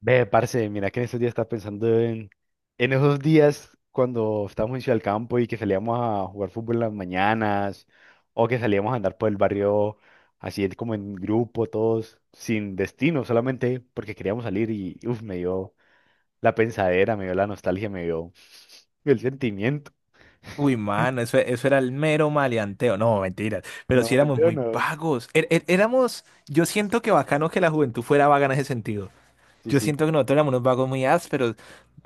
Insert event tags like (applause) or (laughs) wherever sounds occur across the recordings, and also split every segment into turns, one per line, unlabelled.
Ve, parce, mira que en estos días estaba pensando en esos días cuando estábamos en Ciudad del Campo y que salíamos a jugar fútbol en las mañanas o que salíamos a andar por el barrio así como en grupo, todos sin destino, solamente porque queríamos salir y uf, me dio la pensadera, me dio la nostalgia, me dio el sentimiento.
Uy, mano, eso,
(laughs)
eso era el mero maleanteo. No, mentiras. Pero sí
No,
éramos
mentira,
muy
no.
vagos. Éramos, yo siento que bacano que la juventud fuera vaga en ese sentido.
Sí,
Yo
sí.
siento que nosotros éramos unos vagos muy ásperos.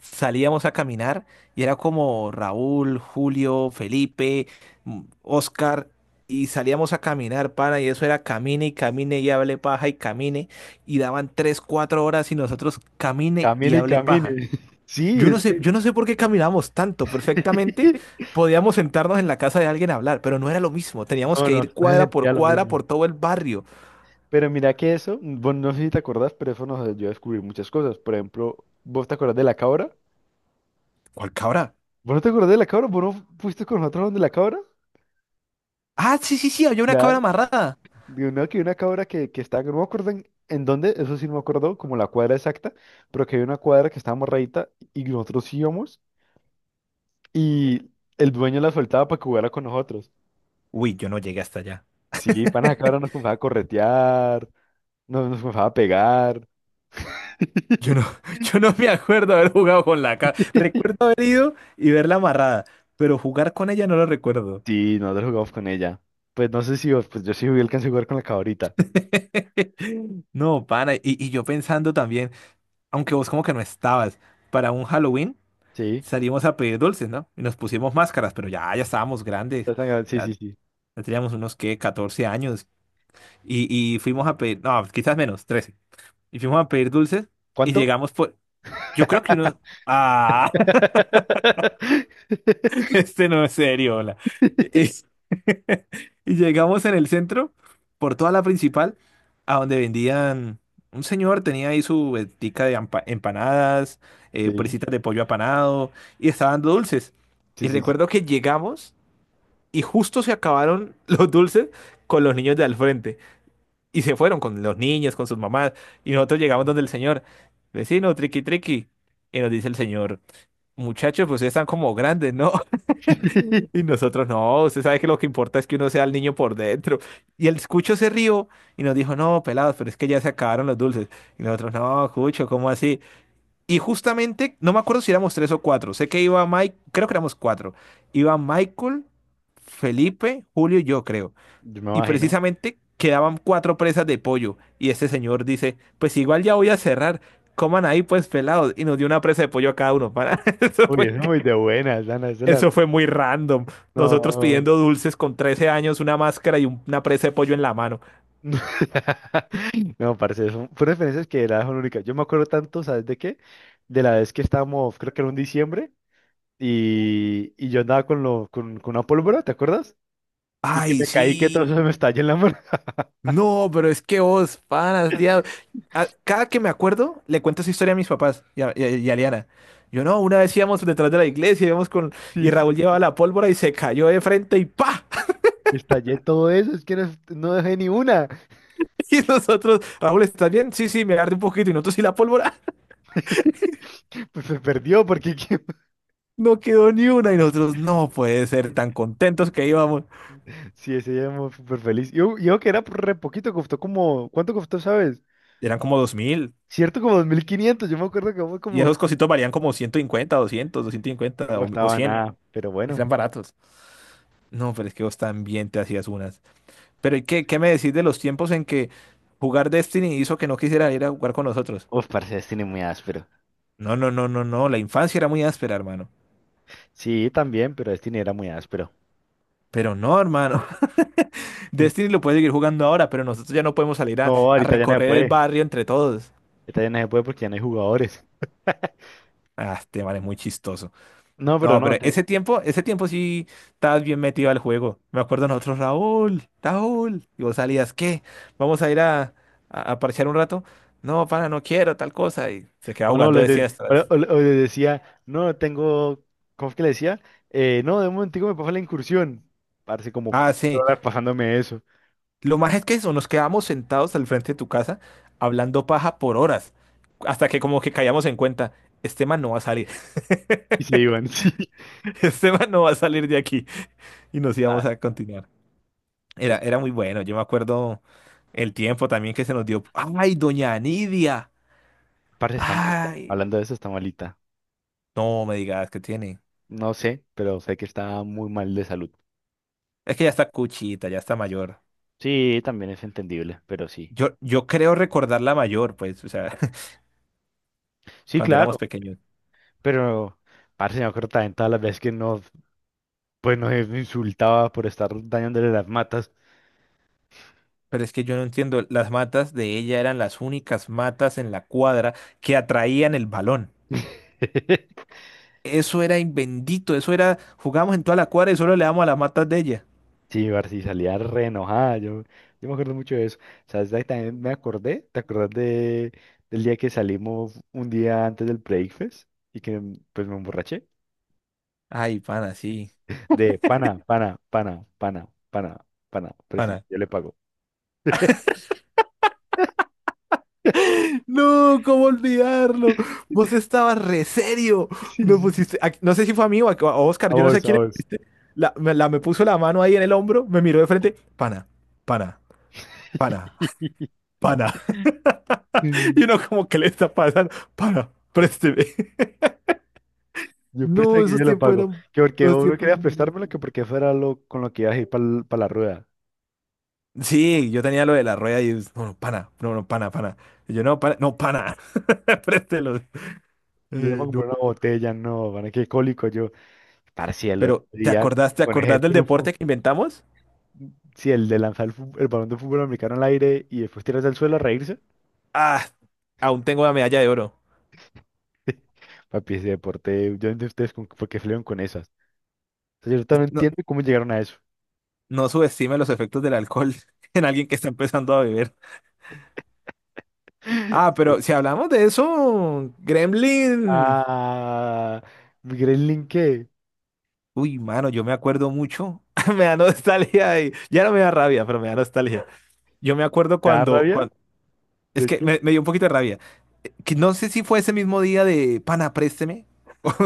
Salíamos a caminar y era como Raúl, Julio, Felipe, Oscar. Y salíamos a caminar, pana, y eso era camine y camine y hable paja y camine. Y daban tres, cuatro horas y nosotros camine y
Camine y
hable
camine.
paja.
(laughs) Sí, es que...
Yo no sé por qué caminamos tanto. Perfectamente
(laughs)
podíamos sentarnos en la casa de alguien a hablar, pero no era lo mismo. Teníamos
No,
que
no, (laughs) no
ir cuadra por
sentía lo
cuadra
mismo.
por todo el barrio.
Pero mira que eso, bueno, no sé si te acordás, pero eso nos ayudó a descubrir muchas cosas. Por ejemplo, ¿vos te acordás de la cabra?
¿Cuál cabra?
¿Vos no te acordás de la cabra? ¿Vos no fuiste con nosotros donde la cabra?
Ah, sí, sí, sí, había una cabra
Claro.
amarrada.
De una, que una cabra que estaba, no me acuerdo en dónde, eso sí no me acuerdo, como la cuadra exacta, pero que había una cuadra que estaba morradita y nosotros íbamos y el dueño la soltaba para que jugara con nosotros.
Uy, yo no llegué hasta allá.
Sí, para la cabra nos comenzaba a corretear, nos comenzaba a pegar.
Yo no, (laughs) yo no me acuerdo haber jugado con la cabra.
(laughs)
Recuerdo haber ido y verla amarrada, pero jugar con ella no lo recuerdo.
Sí, nosotros jugamos con ella. Pues no sé si vos, pues yo sí alcancé a jugar con la cabrita.
(laughs) No, pana, y yo pensando también, aunque vos como que no estabas, para un Halloween.
Sí,
Salimos a pedir dulces, ¿no? Y nos pusimos máscaras, pero ya estábamos grandes.
estás sangrando, sí,
Ya,
sí, sí.
ya teníamos unos, ¿qué?, 14 años. Y, y fuimos a pedir, no, quizás menos, 13. Y fuimos a pedir dulces y
¿Cuánto?
llegamos por, yo creo que uno,
(laughs)
ah, (laughs) este no es serio, hola. Es- (laughs) Y llegamos en el centro, por toda la principal, a donde vendían, un señor tenía ahí su ventica de empanadas,
Sí,
presitas de pollo apanado, y estaban dando dulces.
sí,
Y
sí, sí.
recuerdo que llegamos y justo se acabaron (laughs) los dulces con los niños de al frente. Y se fueron con los niños, con sus mamás. Y nosotros llegamos donde el señor, vecino, triqui, triqui. Y nos dice el señor, muchachos, pues ustedes están como grandes, ¿no? (laughs) Y nosotros, no, usted sabe que lo que importa es que uno sea el niño por dentro. Y el cucho se rió y nos dijo, no, pelados, pero es que ya se acabaron los dulces. Y nosotros, no, cucho, ¿cómo así? Y justamente, no me acuerdo si éramos tres o cuatro. Sé que iba Mike, creo que éramos cuatro. Iba Michael, Felipe, Julio y yo, creo,
Yo me
y
imagino.
precisamente quedaban cuatro presas de pollo. Y este señor dice, pues igual ya voy a cerrar, coman ahí pues pelados. Y nos dio una presa de pollo a cada uno. Para... (laughs) Eso
Uy,
fue,
es muy de buenas, Ana, es de la...
eso fue muy random. Nosotros
No.
pidiendo dulces con 13 años, una máscara y una presa de pollo en la mano.
(laughs) No, parce, son fueron experiencias que la son únicas. Yo me acuerdo tanto, ¿sabes de qué? De la vez que estábamos, creo que era un diciembre, y yo andaba con una pólvora, ¿te acuerdas? Y que
Ay,
me caí, que todo
sí.
eso se me estalló en la mano. (laughs)
No, pero es que vos, panas, liado. A- cada que me acuerdo, le cuento esa historia a mis papás y a Liana. Yo no, una vez íbamos detrás de la iglesia, íbamos con...
Sí,
Y Raúl
sí.
llevaba la pólvora y se cayó de frente y ¡pa!
Y estallé todo eso, es que no, no dejé ni una.
(laughs) Y nosotros, Raúl, ¿estás bien? Sí, sí, me agarré un poquito y nosotros y la pólvora. (laughs)
(laughs) Pues se perdió, porque (laughs)
No quedó ni una y nosotros, no puede ser, tan contentos que íbamos.
Sí, ese día muy súper feliz. Yo que era re poquito, costó como, ¿cuánto costó, sabes?
Eran como 2000
Cierto, como 2.500 yo me acuerdo que fue
y
como, no
esos cositos valían como 150, 200, 250 o
costaba
100.
nada, pero bueno.
Eran baratos. No, pero es que vos también te hacías unas. Pero ¿y qué me decís de los tiempos en que jugar Destiny hizo que no quisiera ir a jugar con nosotros?
Uf, parce, Destiny muy áspero.
No, no, no, no, no. La infancia era muy áspera, hermano.
Sí, también, pero Destiny era muy áspero.
Pero no, hermano. (laughs)
Mm.
Destiny lo puede seguir jugando ahora, pero nosotros ya no podemos salir a,
No,
a
ahorita ya no se
recorrer el
puede.
barrio entre todos.
Ahorita ya no se puede porque ya no hay jugadores. (laughs)
Ah, este man es muy chistoso.
No, pero
No, pero
no, te-
ese tiempo sí estabas bien metido al juego. Me acuerdo nosotros, Raúl, Raúl. Y vos salías, ¿qué? ¿Vamos a ir a parchear un rato? No, pana, no quiero, tal cosa. Y se quedaba
o no,
jugando
les
de
de-
siestas.
o les decía, no, tengo, ¿cómo es que le decía? No, de un momentico me pasa la incursión. Parece como
Ah,
cuatro
sí.
horas pasándome eso.
Lo más es que eso, nos quedábamos sentados al frente de tu casa hablando paja por horas. Hasta que como que caíamos en cuenta, este man no va a salir.
Y
(laughs)
se iban, (laughs) sí.
Este man no va a salir de aquí. Y nos íbamos
Ah,
a continuar. Era, era muy bueno. Yo me acuerdo el tiempo también que se nos dio. ¡Ay, doña Nidia!
parece que está malita.
¡Ay!
Hablando de eso, está malita.
No me digas que tiene.
No sé, pero sé que está muy mal de salud.
Es que ya está cuchita, ya está mayor.
Sí, también es entendible, pero sí.
Yo creo recordarla mayor, pues, o sea, (laughs)
Sí,
cuando éramos
claro,
pequeños.
pero parce, me acuerdo también todas las veces que nos, pues nos insultaba por estar dañándole las matas.
Pero es que yo no entiendo. Las matas de ella eran las únicas matas en la cuadra que atraían el balón.
(laughs)
Eso era bendito, eso era, jugamos en toda la cuadra y solo le damos a las matas de ella.
Sí, parce, salía re enojada. Yo me acuerdo mucho de eso. ¿Sabes? Ahí también me acordé, ¿te acordás del día que salimos un día antes del Breakfast y que pues me emborraché?
Ay, pana, sí.
De pana, pana, pana, pana, pana, pana. Préstame,
Pana,
yo le pago. (laughs)
no, ¿cómo olvidarlo? Vos estabas re serio.
Sí,
No
sí.
pusiste, a- no sé si fue a mí o a Oscar,
A
yo no sé a
vos, a
quién le
vos.
pusiste. Me puso la mano ahí en el hombro, me miró de frente, pana, pana, pana,
(laughs)
(laughs) pana. Y
Mm,
uno como, ¿qué le está pasando? Pana, présteme.
yo
No,
préstame que yo le pago. Que porque
esos
vos no
tiempos
querías
eran
prestármelo, que
buenísimos.
porque fuera lo con lo que ibas a ir para la rueda.
Sí, yo tenía lo de la rueda y es, no, no, pana, no, no, pana, pana. Y yo, no, pana, no, pana, (laughs) préstelo.
Y yo para
Ay, no.
comprar una botella, no, van qué cólico yo. Parce, el otro
Pero, ¿te
día
acordás, te
con ese
acordás del
tufo.
deporte que inventamos?
Si el de lanzar el, el balón de fútbol americano al aire y después tirarse al suelo a reírse.
Ah, aún tengo la medalla de oro.
(laughs) Papi, ese deporte, yo no entiendo ustedes con, por qué salieron con esas. O sea, yo no
No,
entiendo cómo llegaron a eso.
no subestime los efectos del alcohol (laughs) en alguien que está empezando a beber. Ah,
(laughs)
pero si hablamos de eso, Gremlin.
Ah, ¿Gremlin qué?
Uy, mano, yo me acuerdo mucho. (laughs) Me da nostalgia y ya no me da rabia, pero me da nostalgia. Yo me acuerdo
¿Te da
cuando,
rabia?
cuando... Es
¿De
que
qué?
me dio un poquito de rabia. Que no sé si fue ese mismo día de pana, présteme,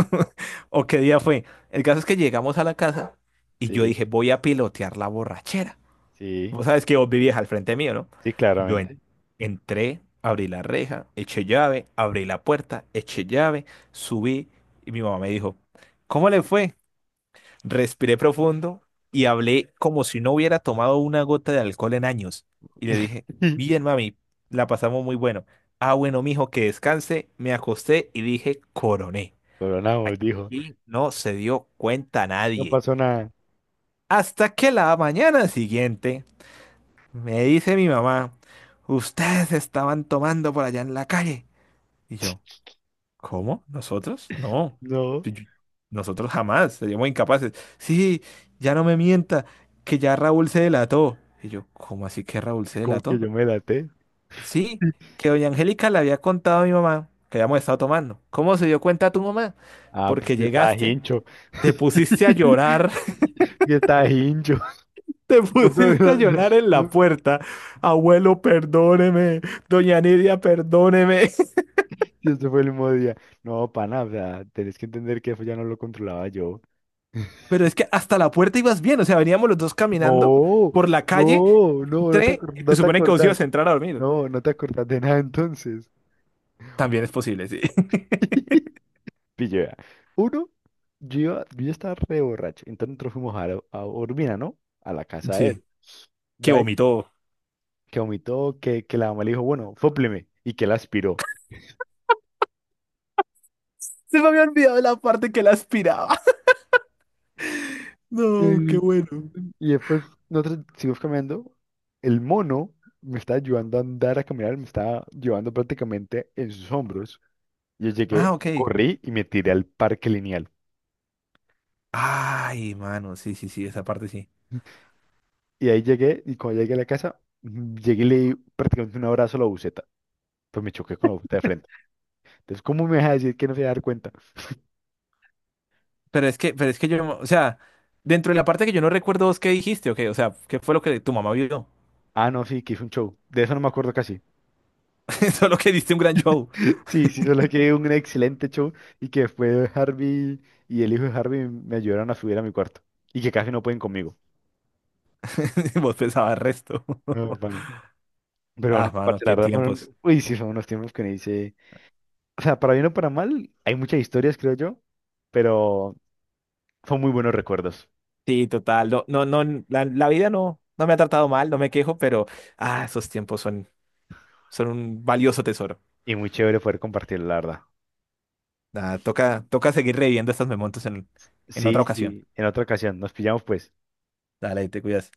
(laughs) o qué día fue. El caso es que llegamos a la casa y yo
Sí,
dije, voy a pilotear la borrachera.
sí,
Vos sabes que vos vivías al frente mío, ¿no?
sí,
Yo en-
claramente.
entré, abrí la reja, eché llave, abrí la puerta, eché llave, subí y mi mamá me dijo, ¿cómo le fue? Respiré profundo y hablé como si no hubiera tomado una gota de alcohol en años. Y le dije,
(laughs)
bien, mami, la pasamos muy bueno. Ah, bueno, mijo, que descanse. Me acosté y dije, coroné.
Coronamos, dijo.
Aquí no se dio cuenta
No
nadie.
pasó nada.
Hasta que la mañana siguiente... Me dice mi mamá, ustedes estaban tomando por allá en la calle. Y yo, ¿cómo? ¿Nosotros? No.
No,
Yo- yo- Nosotros jamás, seríamos incapaces. Sí, ya no me mienta, que ya Raúl se delató. Y yo, ¿cómo así que Raúl se
como que
delató?
yo me laté.
Sí, que doña Angélica le había contado a mi mamá que habíamos estado tomando. ¿Cómo se dio cuenta tu mamá?
Ah, pues
Porque
ya estaba
llegaste,
hincho.
te pusiste a
(laughs)
llorar.
Ya estaba hincho. (laughs)
Te
No,
pusiste a
pero no, no,
llorar en la
no,
puerta. Abuelo, perdóneme. Doña Nidia, perdóneme. (laughs)
y este fue el mismo día. No, pana, o sea, tenés que entender que eso ya no lo controlaba yo.
Pero es que hasta la puerta ibas bien. O sea, veníamos los dos caminando
No,
por la calle.
no, no,
Tre,
no
se
te
supone que vos
acordás.
ibas a entrar a dormir.
No, no te acordás de nada entonces.
También es posible, sí. (laughs)
Pille, vea. Uno, yo ya estaba re borracho. Entonces nosotros fuimos a Urbina, ¿no? A la casa de
Sí,
él.
que
De ahí,
vomitó.
que vomitó, que la mamá le dijo, bueno, fópleme. Y que él aspiró.
Se me había olvidado la parte que la aspiraba. (laughs) No, qué
Y,
bueno.
y después nosotros seguimos caminando. El mono me estaba ayudando a andar, a caminar. Me estaba llevando prácticamente en sus hombros. Yo
Ah,
llegué,
ok.
corrí y me tiré al parque lineal.
Ay, mano, sí, sí, sí, esa parte sí.
Y ahí llegué, y cuando llegué a la casa, llegué y le di prácticamente un abrazo a la buceta. Pues me choqué con la buceta de frente. Entonces, ¿cómo me vas a decir que no se va a dar cuenta?
Pero es que yo, no- o sea, dentro de la parte que yo no recuerdo vos qué dijiste, ok, o sea, ¿qué fue lo que tu mamá vio?
Ah, no, sí, que hizo un show. De eso no me acuerdo casi.
(laughs) Solo que diste un gran show.
(laughs) Sí, sí, solo que un excelente show y que después Harvey y el hijo de Harvey me ayudaron a subir a mi cuarto y que casi no pueden conmigo.
(laughs) Vos pensabas resto. (laughs)
No, bueno. Pero
Ah,
no,
mano,
parce, la
qué
verdad
tiempos.
fueron, uy, sí, son unos tiempos que me dice, o sea, para bien o para mal, hay muchas historias, creo yo, pero son muy buenos recuerdos
Sí, total. No, no, no, la vida no, no me ha tratado mal, no me quejo, pero ah, esos tiempos son, son un valioso tesoro.
y muy chévere poder compartir, la verdad.
Nada, toca, toca seguir reviviendo estos momentos en
Sí,
otra ocasión.
sí, en otra ocasión, nos pillamos pues.
Dale, te cuidas.